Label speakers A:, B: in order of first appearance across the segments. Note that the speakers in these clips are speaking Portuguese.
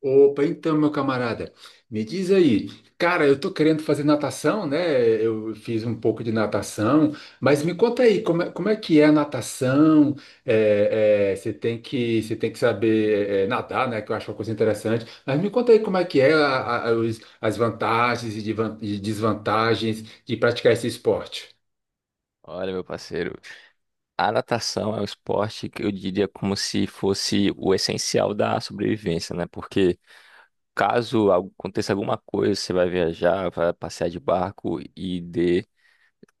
A: Opa, então, meu camarada, me diz aí, cara, eu tô querendo fazer natação, né? Eu fiz um pouco de natação, mas me conta aí, como é que é a natação? Você tem que saber nadar, né? Que eu acho uma coisa interessante. Mas me conta aí como é que é as vantagens e desvantagens de praticar esse esporte.
B: Olha, meu parceiro, a natação é um esporte que eu diria como se fosse o essencial da sobrevivência, né? Porque caso aconteça alguma coisa, você vai viajar, vai passear de barco e de...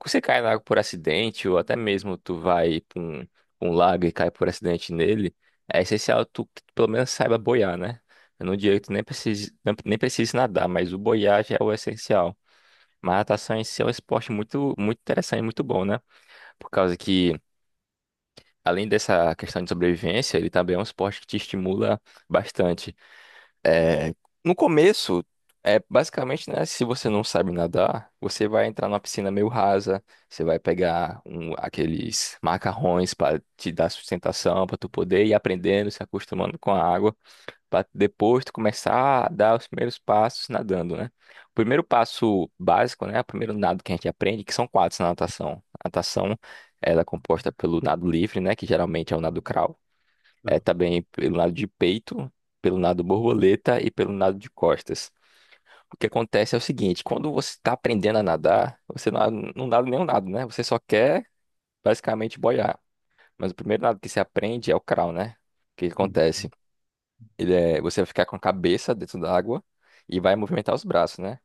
B: você cai na água por acidente, ou até mesmo tu vai pra um lago e cai por acidente nele, é essencial tu que tu pelo menos saiba boiar, né? Eu não diria que tu nem precise, nem precise nadar, mas o boiar já é o essencial. Mas a natação em si é um esporte muito, muito interessante, muito bom, né? Por causa que Além dessa questão de sobrevivência, ele também é um esporte que te estimula bastante. É, no começo, é basicamente, né, se você não sabe nadar, você vai entrar numa piscina meio rasa, você vai aqueles macarrões para te dar sustentação, para tu poder ir aprendendo, se acostumando com a água. Pra depois tu começar a dar os primeiros passos nadando, né? O primeiro passo básico, né? O primeiro nado que a gente aprende, que são quatro na natação. A natação, ela é composta pelo nado livre, né? Que geralmente é o nado crawl. É
A: Ah.
B: também pelo nado de peito, pelo nado borboleta e pelo nado de costas. O que acontece é o seguinte, quando você está aprendendo a nadar, você não, não nada nenhum nado, né? Você só quer basicamente boiar. Mas o primeiro nado que se aprende é o crawl, né? O que
A: Hum.
B: acontece? Você vai ficar com a cabeça dentro da água e vai movimentar os braços, né?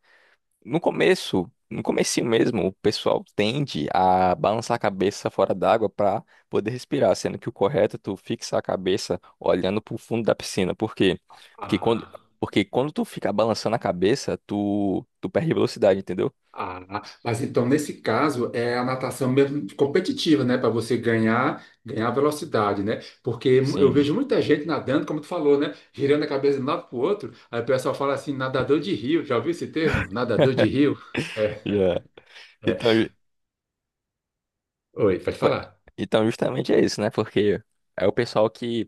B: No começo, no comecinho mesmo, o pessoal tende a balançar a cabeça fora d'água para poder respirar, sendo que o correto é tu fixar a cabeça olhando para o fundo da piscina. Por quê? Porque quando,
A: Ah.
B: porque quando tu ficar balançando a cabeça, tu perde velocidade, entendeu?
A: Ah, mas então nesse caso é a natação mesmo competitiva, né? Para você ganhar velocidade, né? Porque eu
B: Sim.
A: vejo muita gente nadando, como tu falou, né? Girando a cabeça de um lado para o outro. Aí o pessoal fala assim, nadador de rio. Já ouviu esse termo? Nadador de rio? É,
B: Yeah.
A: é.
B: Então,
A: Oi, pode
B: Pô,
A: falar.
B: então, justamente é isso, né? Porque é o pessoal que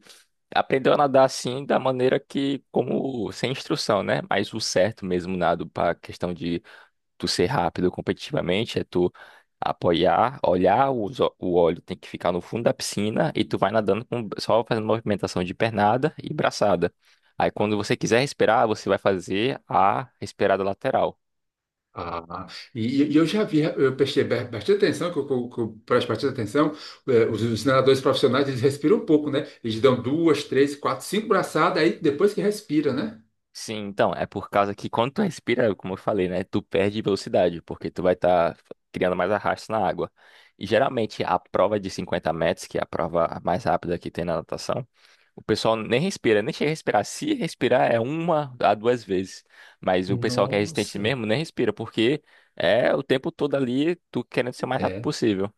B: aprendeu a nadar assim da maneira que, como sem instrução, né? Mas o certo mesmo nado para questão de tu ser rápido competitivamente é tu apoiar, olhar, o óleo tem que ficar no fundo da piscina e tu vai nadando com, só fazendo movimentação de pernada e braçada. Aí quando você quiser respirar, você vai fazer a respirada lateral.
A: Ah, eu já vi, eu prestei bastante atenção, que eu presto bastante atenção, os nadadores profissionais, eles respiram um pouco, né? Eles dão duas, três, quatro, cinco braçadas, aí depois que respira, né?
B: Sim, então, é por causa que quando tu respira, é como eu falei, né, tu perde velocidade, porque tu vai estar criando mais arrasto na água. E geralmente a prova de 50 metros, que é a prova mais rápida que tem na natação, o pessoal nem respira, nem chega a respirar. Se respirar é uma a duas vezes, mas o pessoal que é resistente
A: Nossa,
B: mesmo nem respira, porque é o tempo todo ali tu querendo ser o mais rápido
A: é.
B: possível.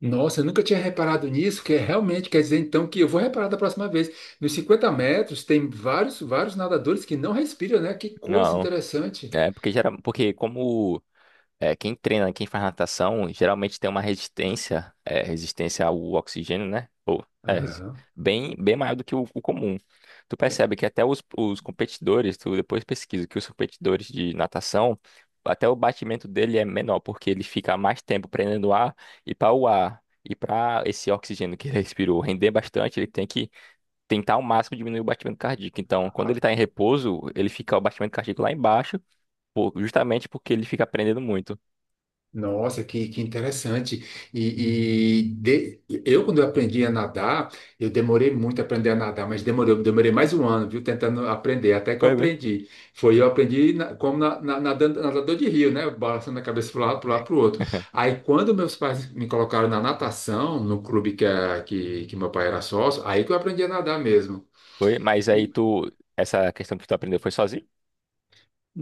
A: Nossa, eu nunca tinha reparado nisso, que é realmente quer dizer então que eu vou reparar da próxima vez. Nos 50 metros tem vários, vários nadadores que não respiram, né? Que coisa
B: Não,
A: interessante.
B: é porque geral, porque como É, quem treina, quem faz natação, geralmente tem uma resistência, é, resistência ao oxigênio, né? Ou, é,
A: Aham.
B: bem, bem maior do que o comum. Tu
A: É.
B: percebe que até os competidores, tu depois pesquisa que os competidores de natação, até o batimento dele é menor, porque ele fica mais tempo prendendo o ar e para o ar. E para esse oxigênio que ele respirou render bastante, ele tem que tentar ao máximo diminuir o batimento cardíaco. Então, quando ele está em repouso, ele fica o batimento cardíaco lá embaixo, justamente porque ele fica prendendo muito.
A: Nossa, que interessante. E eu, quando eu aprendi a nadar, eu demorei muito a aprender a nadar, mas demorei mais um ano, viu, tentando aprender, até que eu aprendi. Foi, eu aprendi como nadando, nadador de rio, né? Balançando a cabeça para um lado, para lado, para o outro. Aí, quando meus pais me colocaram na natação, no clube que, que meu pai era sócio, aí que eu aprendi a nadar mesmo.
B: Foi, mas aí tu, essa questão que tu aprendeu foi sozinho?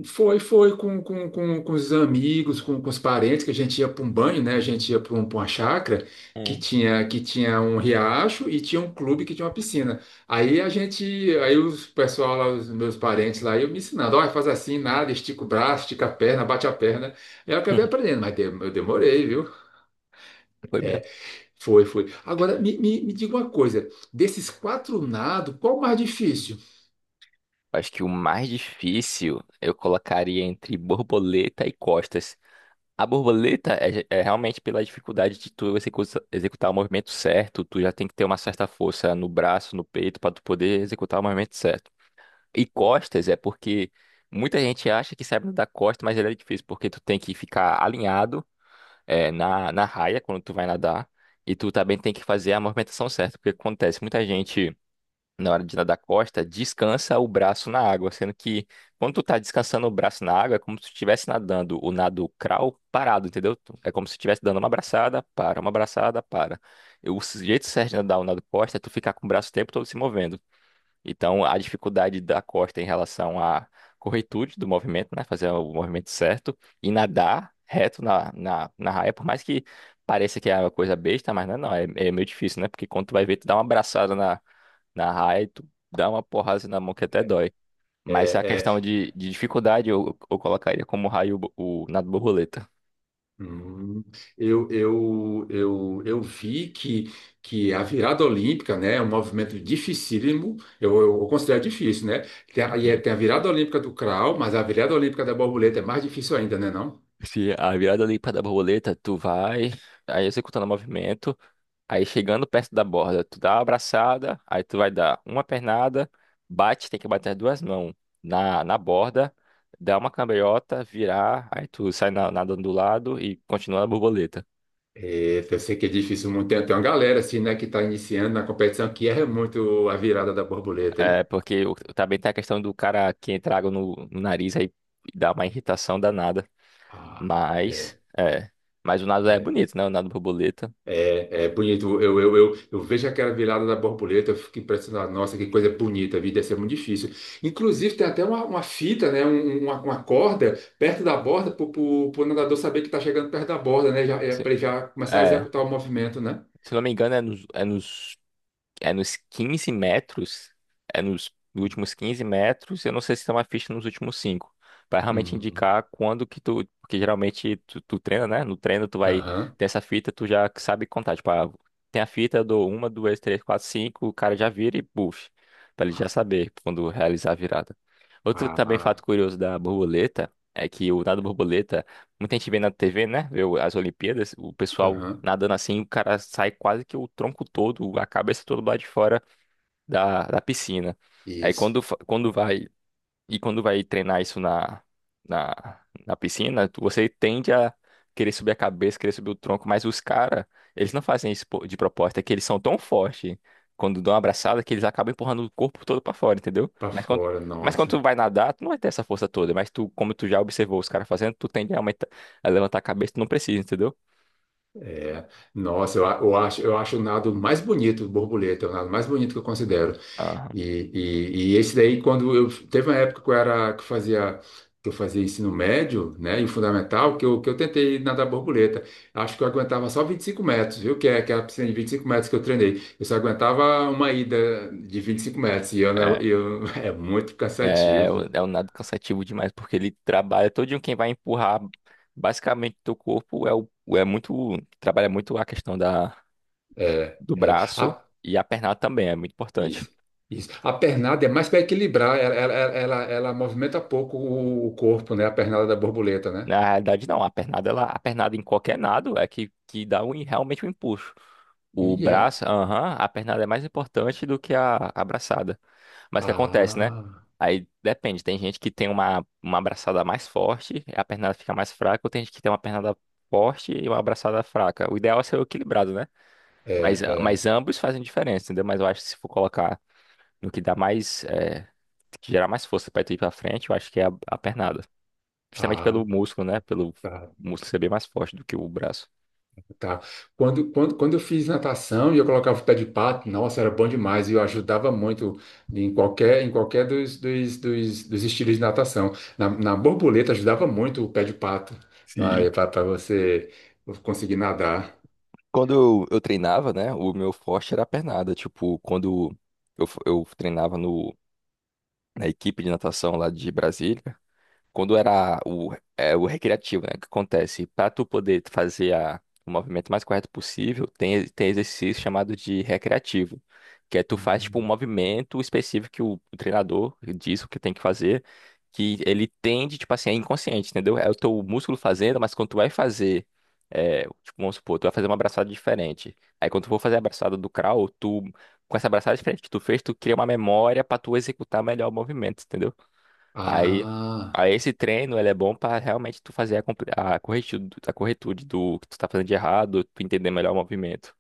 A: Foi, foi com os amigos, com os parentes, que a gente ia para um banho, né? A gente ia pra uma chácara que
B: Hum.
A: tinha, que tinha um riacho e tinha um clube que tinha uma piscina. Aí a gente, aí os pessoal lá, os meus parentes lá, eu me ensinando, olha, faz assim, nada, estica o braço, estica a perna, bate a perna. Eu acabei aprendendo, mas eu demorei, viu?
B: Foi mesmo.
A: Foi, foi. Agora, me diga uma coisa, desses quatro nados, qual o mais difícil?
B: Acho que o mais difícil eu colocaria entre borboleta e costas. A borboleta é realmente pela dificuldade de tu executar o movimento certo, tu já tem que ter uma certa força no braço, no peito, para tu poder executar o movimento certo. E costas é porque muita gente acha que sabe nadar costa, mas ele é difícil, porque tu tem que ficar alinhado é, na raia, quando tu vai nadar, e tu também tem que fazer a movimentação certa, porque acontece, muita gente, na hora de nadar costa, descansa o braço na água, sendo que quando tu tá descansando o braço na água, é como se tu estivesse nadando o nado crawl parado, entendeu? É como se estivesse dando uma abraçada, para, uma abraçada, para. E o jeito certo de nadar o nado costa é tu ficar com o braço o tempo todo se movendo. Então, a dificuldade da Costa em relação à corretude do movimento, né? Fazer o movimento certo e nadar reto na raia, por mais que pareça que é uma coisa besta, mas não, é, é meio difícil, né? Porque quando tu vai ver, tu dá uma abraçada na raia e tu dá uma porrada na mão que até dói. Mas a
A: É, é.
B: questão de dificuldade, eu colocaria como raio o nado borboleta.
A: Hum. Eu vi que a virada olímpica, né, é um movimento dificílimo, eu considero difícil, né? Tem a, e é-
B: Uhum.
A: tem a virada olímpica do crawl, mas a virada olímpica da borboleta é mais difícil ainda, né, não?
B: Se a virada ali para da borboleta, tu vai aí executando o movimento. Aí chegando perto da borda, tu dá uma abraçada, aí tu vai dar uma pernada, bate, tem que bater as duas mãos na borda, dá uma cambalhota, virar, aí tu nadando do lado e continua na borboleta.
A: Eita, eu sei que é difícil muito. Tem uma galera assim, né, que está iniciando na competição que erra muito a virada da borboleta,
B: É,
A: hein?
B: porque também tem a questão do cara que entra água no nariz aí dá uma irritação danada.
A: Ah,
B: Mas,
A: é.
B: é. Mas o nado é bonito, né? O nado borboleta.
A: É, é bonito. Eu vejo aquela virada da borboleta, eu fico impressionado. Nossa, que coisa bonita, a vida deve ser muito difícil. Inclusive, tem até uma fita, né? Uma corda perto da borda para o nadador saber que está chegando perto da borda, né? Já, é,
B: Se-
A: para ele já começar a
B: É.
A: executar o movimento, né?
B: Se não me engano, é nos É nos 15 metros. É nos últimos 15 metros. Eu não sei se tem uma ficha nos últimos 5. Vai realmente
A: Hum.
B: indicar quando que tu. Porque geralmente tu treina, né? No treino tu vai
A: Aham.
B: ter essa fita, tu já sabe contar. Tipo, ah, tem a fita do uma, 2, 3, 4, 5. O cara já vira e puxa. Pra ele já
A: Ah,
B: saber quando realizar a virada. Outro também fato
A: ah,
B: curioso da borboleta é que o nado borboleta Muita gente vê na TV, né? Vê as Olimpíadas, o pessoal
A: aham.
B: nadando assim, o cara sai quase que o tronco todo, a cabeça toda lá de fora da piscina. Aí
A: Isso.
B: quando vai e quando vai treinar isso na piscina, você tende a querer subir a cabeça, querer subir o tronco, mas os caras, eles não fazem isso de proposta, é que eles são tão fortes quando dão uma abraçada que eles acabam empurrando o corpo todo pra fora, entendeu?
A: Para fora,
B: Mas quando
A: nossa.
B: tu vai nadar, tu não vai ter essa força toda, mas tu, como tu já observou os caras fazendo, tu tende a aumentar, a levantar a cabeça, tu não precisa, entendeu?
A: É. Nossa, eu acho o nado mais bonito, borboleta, é o nado mais bonito que eu considero. E,
B: Aham.
A: e, e esse daí, quando eu teve uma época que eu fazia ensino médio, né, e o fundamental, que eu tentei nadar borboleta. Acho que eu aguentava só 25 metros, viu? Que é aquela piscina de 25 metros que eu treinei. Eu só aguentava uma ida de 25 metros e eu, não- eu é muito
B: É,
A: cansativo.
B: é um nado cansativo demais, porque ele trabalha todo dia quem vai empurrar basicamente teu corpo é é muito trabalha muito a questão da
A: É,
B: do
A: é. A,
B: braço e a pernada também é muito importante.
A: isso, isso. A pernada é mais para equilibrar, ela movimenta pouco o corpo, né? A pernada da borboleta, né?
B: Na realidade não, a pernada em qualquer nado é que dá um, realmente um empuxo. O
A: E é.
B: braço, aham, a pernada é mais importante do que a braçada. Mas o que acontece, né?
A: Ah,
B: Aí depende, tem gente que tem uma abraçada mais forte, a pernada fica mais fraca, ou tem gente que tem uma pernada forte e uma abraçada fraca. O ideal é ser equilibrado, né?
A: é.
B: Mas
A: É.
B: ambos fazem diferença, entendeu? Mas eu acho que se for colocar no que dá mais, é, que gerar mais força pra tu ir pra frente, eu acho que é a pernada. Justamente
A: Ah,
B: pelo músculo, né? Pelo
A: tá,
B: músculo ser bem mais forte do que o braço.
A: tá. Quando eu fiz natação e eu colocava o pé de pato, nossa, era bom demais e eu ajudava muito em qualquer dos estilos de natação. Na borboleta ajudava muito o pé de pato
B: Sim.
A: para você conseguir nadar.
B: Quando eu treinava, né? O meu forte era a pernada. Tipo, quando eu treinava na equipe de natação lá de Brasília. Quando era o recreativo, né? O que acontece? Para tu poder fazer o movimento mais correto possível, tem exercício chamado de recreativo, que é tu faz tipo um
A: Uhum.
B: movimento específico que o treinador diz o que tem que fazer, que ele tende, tipo assim, é inconsciente, entendeu? É o teu músculo fazendo, mas quando tu vai fazer, é, tipo, vamos supor, tu vai fazer uma abraçada diferente. Aí quando tu for fazer a abraçada do crawl, tu, com essa abraçada diferente que tu fez, tu cria uma memória para tu executar melhor o movimento, entendeu? Aí,
A: Ah.
B: aí esse treino, ele é bom pra realmente tu fazer a corretude do que tu tá fazendo de errado, tu entender melhor o movimento.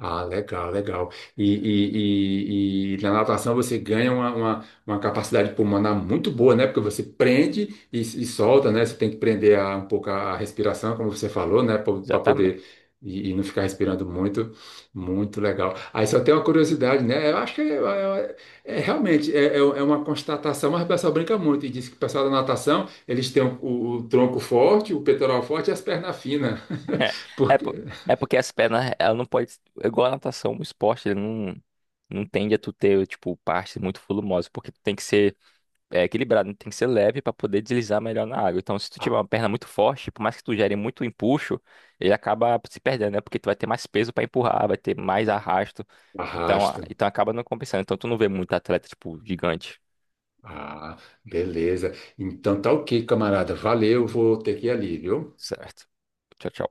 A: Ah, legal, legal. E na natação você ganha uma capacidade pulmonar muito boa, né? Porque você prende e solta, né? Você tem que prender um pouco a respiração, como você falou, né? Para
B: Exatamente.
A: poder e não ficar respirando muito. Muito legal. Aí só tem uma curiosidade, né? Eu acho que é realmente é uma constatação, mas o pessoal brinca muito e diz que o pessoal da natação eles têm o tronco forte, o peitoral forte e as pernas finas.
B: É, po-
A: Porque
B: é porque as pernas, ela não pode, igual a natação, o esporte, ele não, não tende a tu ter, tipo, partes muito volumosas, porque tu tem que ser é equilibrado, né? Tem que ser leve para poder deslizar melhor na água. Então, se tu tiver uma perna muito forte, por mais que tu gere muito empuxo, ele acaba se perdendo, né? Porque tu vai ter mais peso para empurrar, vai ter mais arrasto. Então,
A: arrasta.
B: então acaba não compensando. Então, tu não vê muito atleta, tipo, gigante.
A: Ah, beleza. Então tá ok, camarada. Valeu, vou ter que ir ali, viu?
B: Certo. Tchau, tchau.